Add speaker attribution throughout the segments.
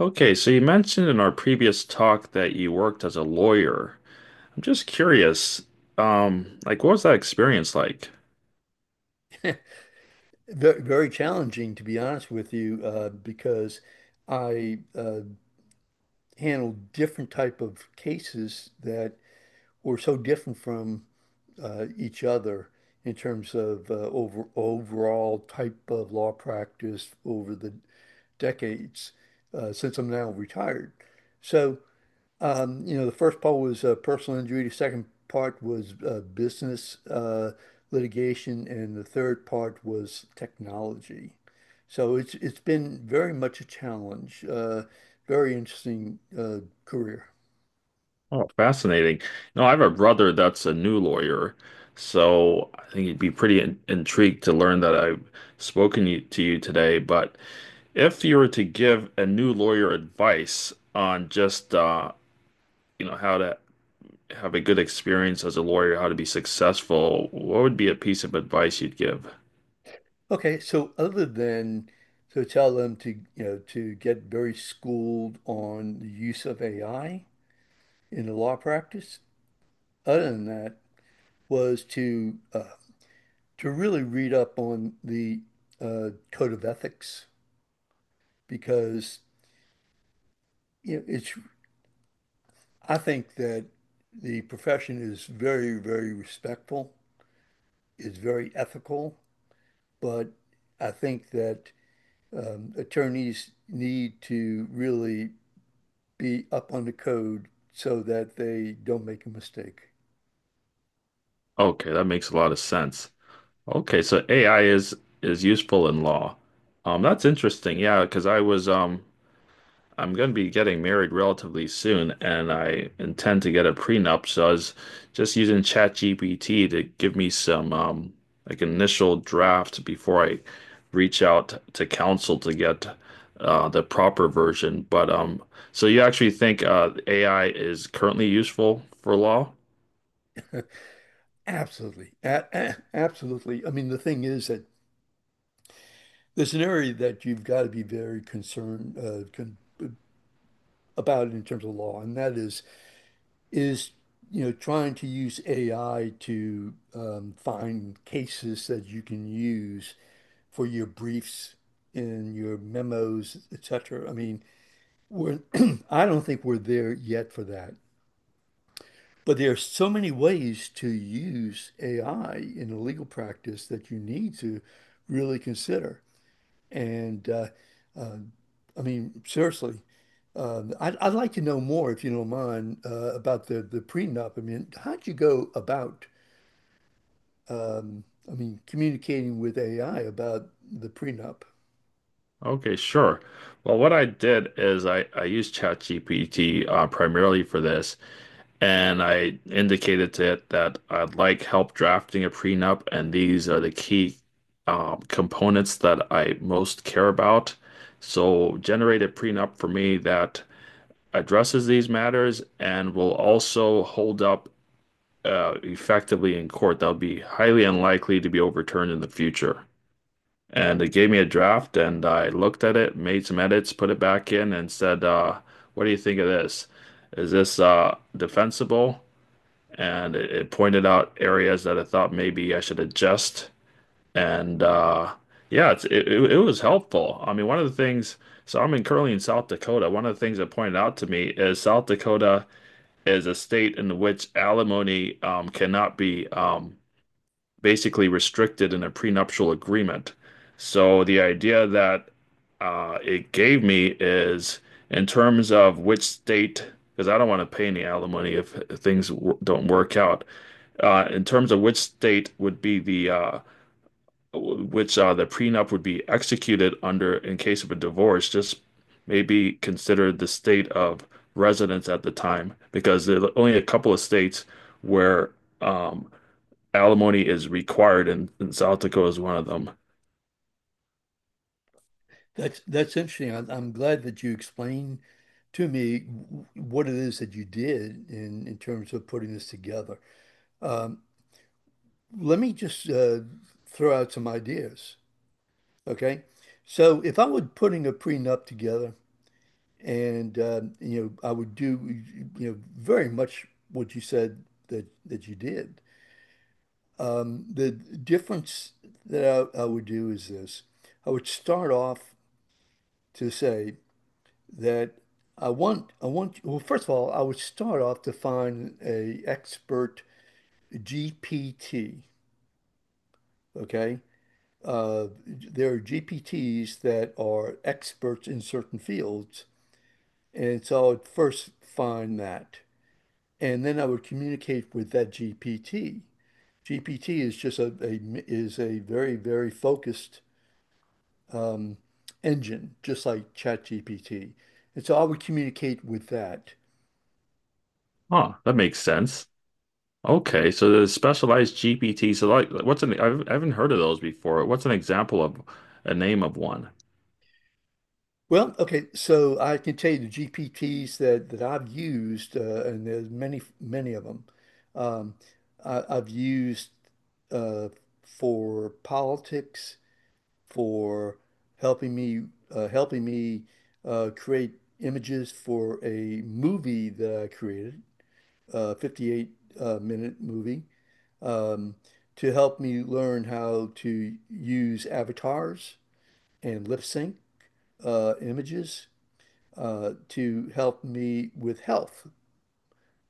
Speaker 1: Okay, so you mentioned in our previous talk that you worked as a lawyer. I'm just curious, like what was that experience like?
Speaker 2: Very challenging, to be honest with you, because I handled different type of cases that were so different from each other in terms of overall type of law practice over the decades, since I'm now retired. So you know, the first part was personal injury. The second part was business litigation, and the third part was technology. So it's been very much a challenge. Very interesting career.
Speaker 1: Oh, fascinating. No, I have a brother that's a new lawyer, so I think he'd be pretty in intrigued to learn that I've to you today. But if you were to give a new lawyer advice on just you know, how to have a good experience as a lawyer, how to be successful, what would be a piece of advice you'd give?
Speaker 2: Okay, so other than to tell them to, you know, to get very schooled on the use of AI in the law practice, other than that was to really read up on the code of ethics because, you know, it's I think that the profession is very, very respectful, is very ethical, but I think that attorneys need to really be up on the code so that they don't make a mistake.
Speaker 1: Okay, that makes a lot of sense. Okay, so AI is useful in law. That's interesting. Yeah, because I'm going to be getting married relatively soon, and I intend to get a prenup. So I was just using ChatGPT to give me some like initial draft before I reach out to counsel to get the proper version. But so you actually think AI is currently useful for law?
Speaker 2: Absolutely. Absolutely. I mean, the thing is that there's an area that you've got to be very concerned, con about in terms of law, and that is, you know, trying to use AI to find cases that you can use for your briefs and your memos, etc. I mean, we're I don't think we're there yet for that. But there are so many ways to use AI in a legal practice that you need to really consider. And uh, I mean, seriously, I'd like to know more, if you don't mind, about the prenup. I mean, how'd you go about, um, I mean, communicating with AI about the prenup?
Speaker 1: Okay, sure. Well, what I did is I used ChatGPT primarily for this, and I indicated to it that I'd like help drafting a prenup, and these are the key components that I most care about. So generate a prenup for me that addresses these matters and will also hold up effectively in court. That'll be highly unlikely to be overturned in the future. And they gave me a draft, and I looked at it, made some edits, put it back in, and said, "What do you think of this? Is this defensible?" And it pointed out areas that I thought maybe I should adjust. And yeah, it was helpful. I mean, one of the things. So I'm in currently in South Dakota. One of the things that pointed out to me is South Dakota is a state in which alimony cannot be basically restricted in a prenuptial agreement. So the idea that it gave me is in terms of which state, because I don't want to pay any alimony if things w don't work out. In terms of which state would be the which the prenup would be executed under in case of a divorce, just maybe consider the state of residence at the time, because there's only a couple of states where um, alimony is required, and South Dakota is one of them.
Speaker 2: That's interesting. I'm glad that you explained to me what it is that you did in terms of putting this together. Let me just throw out some ideas, okay? So, if I were putting a prenup together. And you know, I would do, you know, very much what you said that you did. The difference that I would do is this. I would start off to say that I want well, first of all, I would start off to find a expert GPT, okay? There are GPTs that are experts in certain fields, and so I would first find that. And then I would communicate with that GPT. GPT is just a very, very focused um, engine, just like ChatGPT. And so I would communicate with that.
Speaker 1: Huh, that makes sense. Okay, so there's specialized GPT. So like, I haven't heard of those before. What's an example of a name of one?
Speaker 2: Well, okay, so I can tell you the GPTs that I've used, and there's many, many of them. Um, I've used uh, for politics, for helping me helping me create images for a movie that I created, a 58 minute movie, um, to help me learn how to use avatars and lip sync images to help me with health,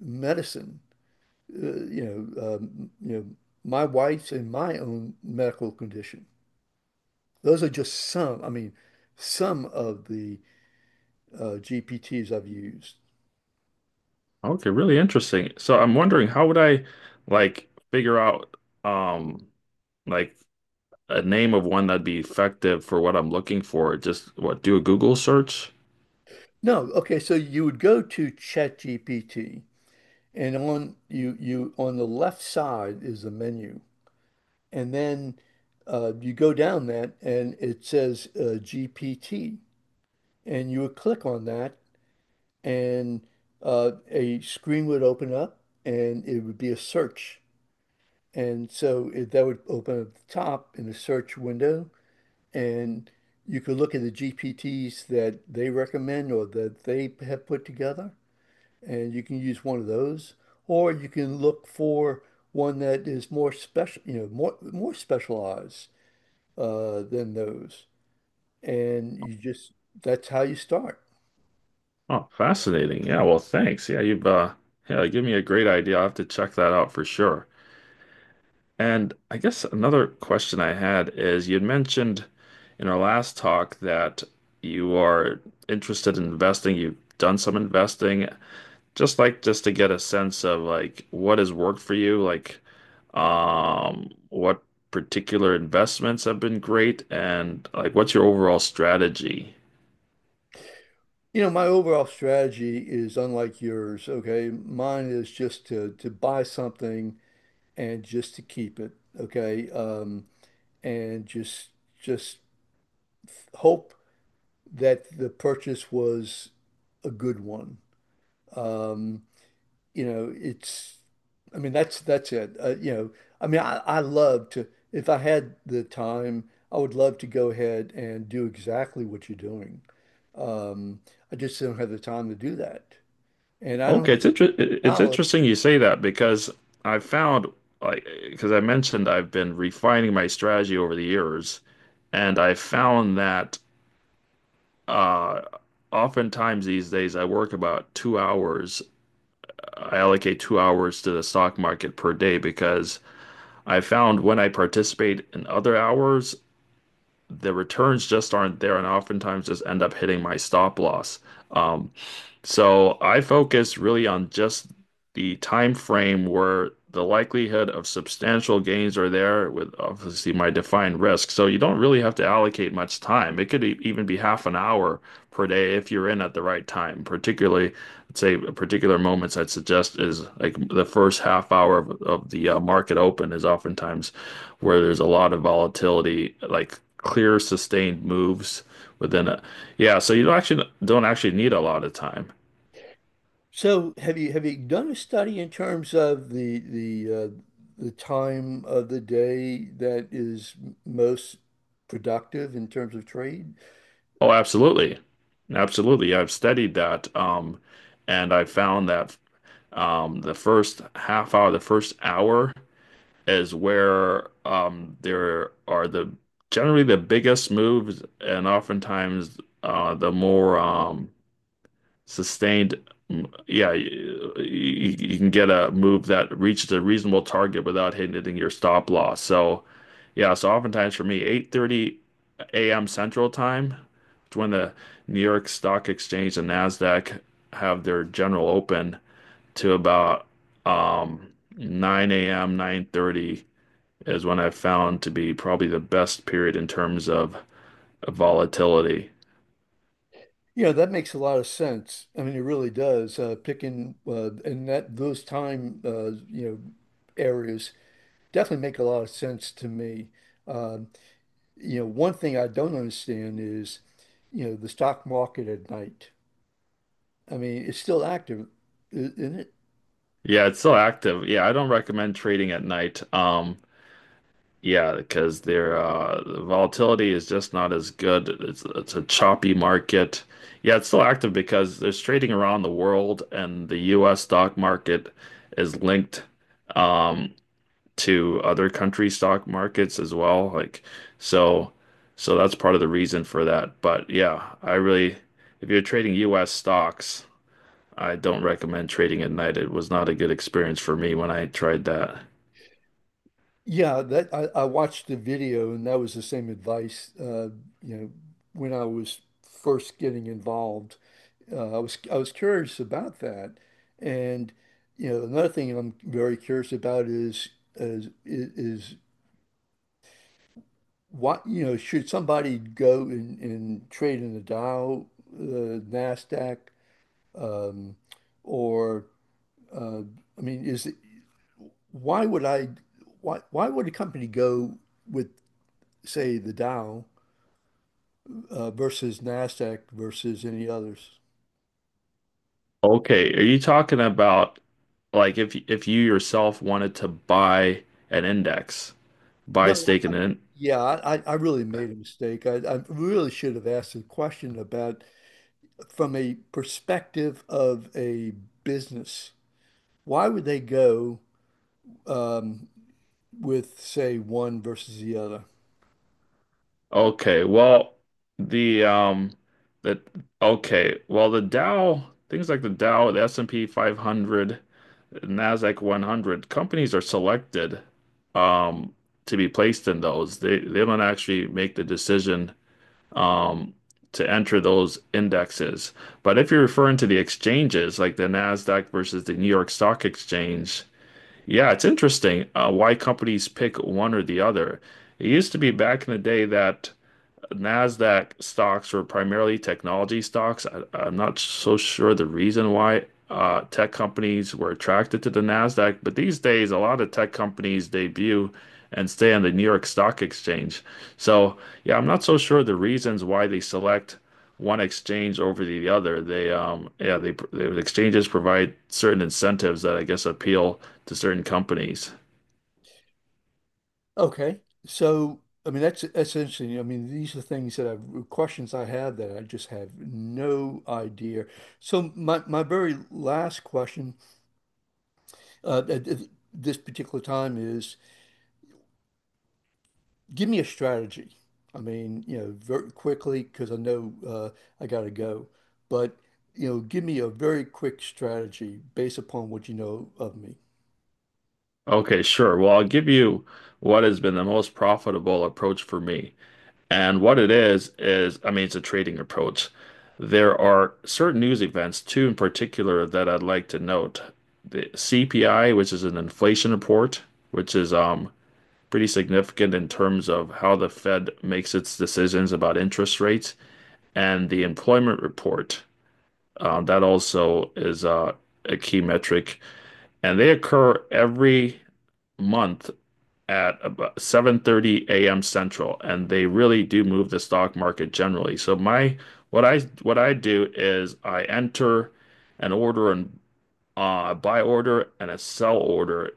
Speaker 2: medicine, you know, my wife's and my own medical condition. Those are just some, I mean, some of the GPTs I've used.
Speaker 1: Okay, really interesting. So I'm wondering how would I like figure out um like a name of one that'd be effective for what I'm looking for? Just what, do a Google search?
Speaker 2: No, okay, so you would go to ChatGPT, and on you you on the left side is the menu. And then you go down that and it says GPT, and you would click on that, and a screen would open up and it would be a search. And so that would open at the top in the search window, and you can look at the GPTs that they recommend or that they have put together, and you can use one of those, or you can look for one that is more special, you know, more specialized than those, and you just, that's how you start.
Speaker 1: Oh, fascinating. Yeah, well, thanks. Yeah, you've yeah, give me a great idea. I'll have to check that out for sure. And I guess another question I had is you'd mentioned in our last talk that you are interested in investing. You've done some investing. Just just to get a sense of like what has worked for you, like what particular investments have been great and like what's your overall strategy?
Speaker 2: You know, my overall strategy is unlike yours, okay? Mine is just to buy something and just to keep it, okay? And just hope that the purchase was a good one. Um, you know, it's, I mean, that's it. You know, I mean, I love to, if I had the time, I would love to go ahead and do exactly what you're doing. Um, I just don't have the time to do that, and I don't
Speaker 1: Okay,
Speaker 2: have the
Speaker 1: it's
Speaker 2: knowledge.
Speaker 1: interesting you say that because I found because I mentioned I've been refining my strategy over the years, and I found that uh, oftentimes these days I work about two hours. I allocate two hours to the stock market per day because I found when I participate in other hours, the returns just aren't there, and oftentimes just end up hitting my stop loss. Um, so I focus really on just the time frame where the likelihood of substantial gains are there with obviously my defined risk. So you don't really have to allocate much time. It could even be half an hour per day if you're in at the right time. Particularly, let's say particular moments I'd suggest is like the first half hour of the market open is oftentimes where there's a lot of volatility, like clear sustained moves within a yeah, so you don't actually need a lot of time.
Speaker 2: So, have you done a study in terms of the time of the day that is most productive in terms of trade?
Speaker 1: Oh, absolutely. Absolutely. I've studied that. And I found that the first half hour, the first hour is where there are the generally the biggest moves and oftentimes the more sustained, yeah, you can get a move that reaches a reasonable target without hitting your stop loss. So, yeah, so oftentimes for me, 8:30 a.m. Central Time is when the New York Stock Exchange and NASDAQ have their general open to about um, 9 a.m., 9:30 is when I've found to be probably the best period in terms of volatility.
Speaker 2: Yeah, that makes a lot of sense. I mean, it really does. Picking and that those time, you know, areas definitely make a lot of sense to me. Um, you know, one thing I don't understand is, you know, the stock market at night. I mean, it's still active, isn't it?
Speaker 1: Yeah, it's still active. Yeah, I don't recommend trading at night. Yeah, because the volatility is just not as good. It's a choppy market. Yeah, it's still active because there's trading around the world, and the U.S. stock market is linked um, to other country stock markets as well. So, so that's part of the reason for that. But yeah, I really, if you're trading U.S. stocks, I don't recommend trading at night. It was not a good experience for me when I tried that.
Speaker 2: Yeah, that I watched the video and that was the same advice. You know, when I was first getting involved, I was curious about that, and you know another thing I'm very curious about is what, you know, should somebody go and trade in the Dow, the Nasdaq, um, or uh, I mean, is it, why would I why would a company go with, say, the Dow versus Nasdaq versus any others?
Speaker 1: Okay, are you talking about? Like if you yourself wanted to buy an index,
Speaker 2: No,
Speaker 1: buy stake in it.
Speaker 2: yeah, I really made a mistake. I really should have asked a question about from a perspective of a business. Why would they go um, with, say, one versus the other?
Speaker 1: Okay, well the um the okay, well the Dow, things like the Dow, the S&P 500, Nasdaq 100, companies are selected um to be placed in those. They don't actually make the decision um to enter those indexes. But if you're referring to the exchanges, like the Nasdaq versus the New York Stock Exchange, yeah, it's interesting why companies pick one or the other. It used to be back in the day that Nasdaq stocks were primarily technology stocks. I'm not so sure the reason why tech companies were attracted to the Nasdaq, but these days a lot of tech companies debut and stay on the New York Stock Exchange. So yeah, I'm not so sure the reasons why they select one exchange over the other. They yeah the exchanges provide certain incentives that I guess appeal to certain companies.
Speaker 2: Okay. So, I mean, that's interesting. I mean, these are things that I've questions I have that I just have no idea. So, my very last question at this particular time is, give me a strategy. I mean, you know, very quickly because I know I gotta go. But, you know, give me a very quick strategy based upon what you know of me.
Speaker 1: Okay, sure. Well, I'll give you what has been the most profitable approach for me. And what it is, I mean, it's a trading approach. There are certain news events, two in particular, that I'd like to note. The CPI, which is an inflation report, which is pretty significant in terms of how the Fed makes its decisions about interest rates, and the employment report. That also is a key metric. And they occur every month at about 7:30 a.m. Central, and they really do move the stock market generally. So my what I do is I enter an order and buy order and a sell order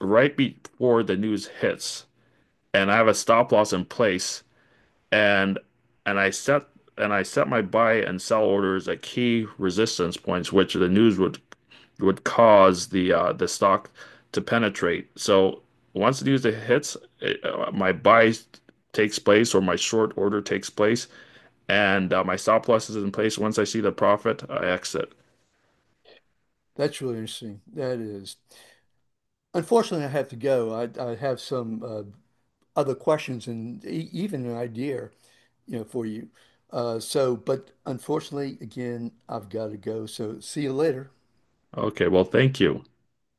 Speaker 1: right before the news hits, and I have a stop loss in place, and and I set and I set my buy and sell orders at key resistance points, which the news would cause the stock to penetrate. So once the news hits, my buy takes place or my short order takes place, and my stop loss is in place. Once I see the profit, I exit.
Speaker 2: That's really interesting. That is. Unfortunately, I have to go. I have some other questions and e even an idea, you know, for you. So, but unfortunately, again, I've got to go. So, see you later.
Speaker 1: Okay, well, thank you.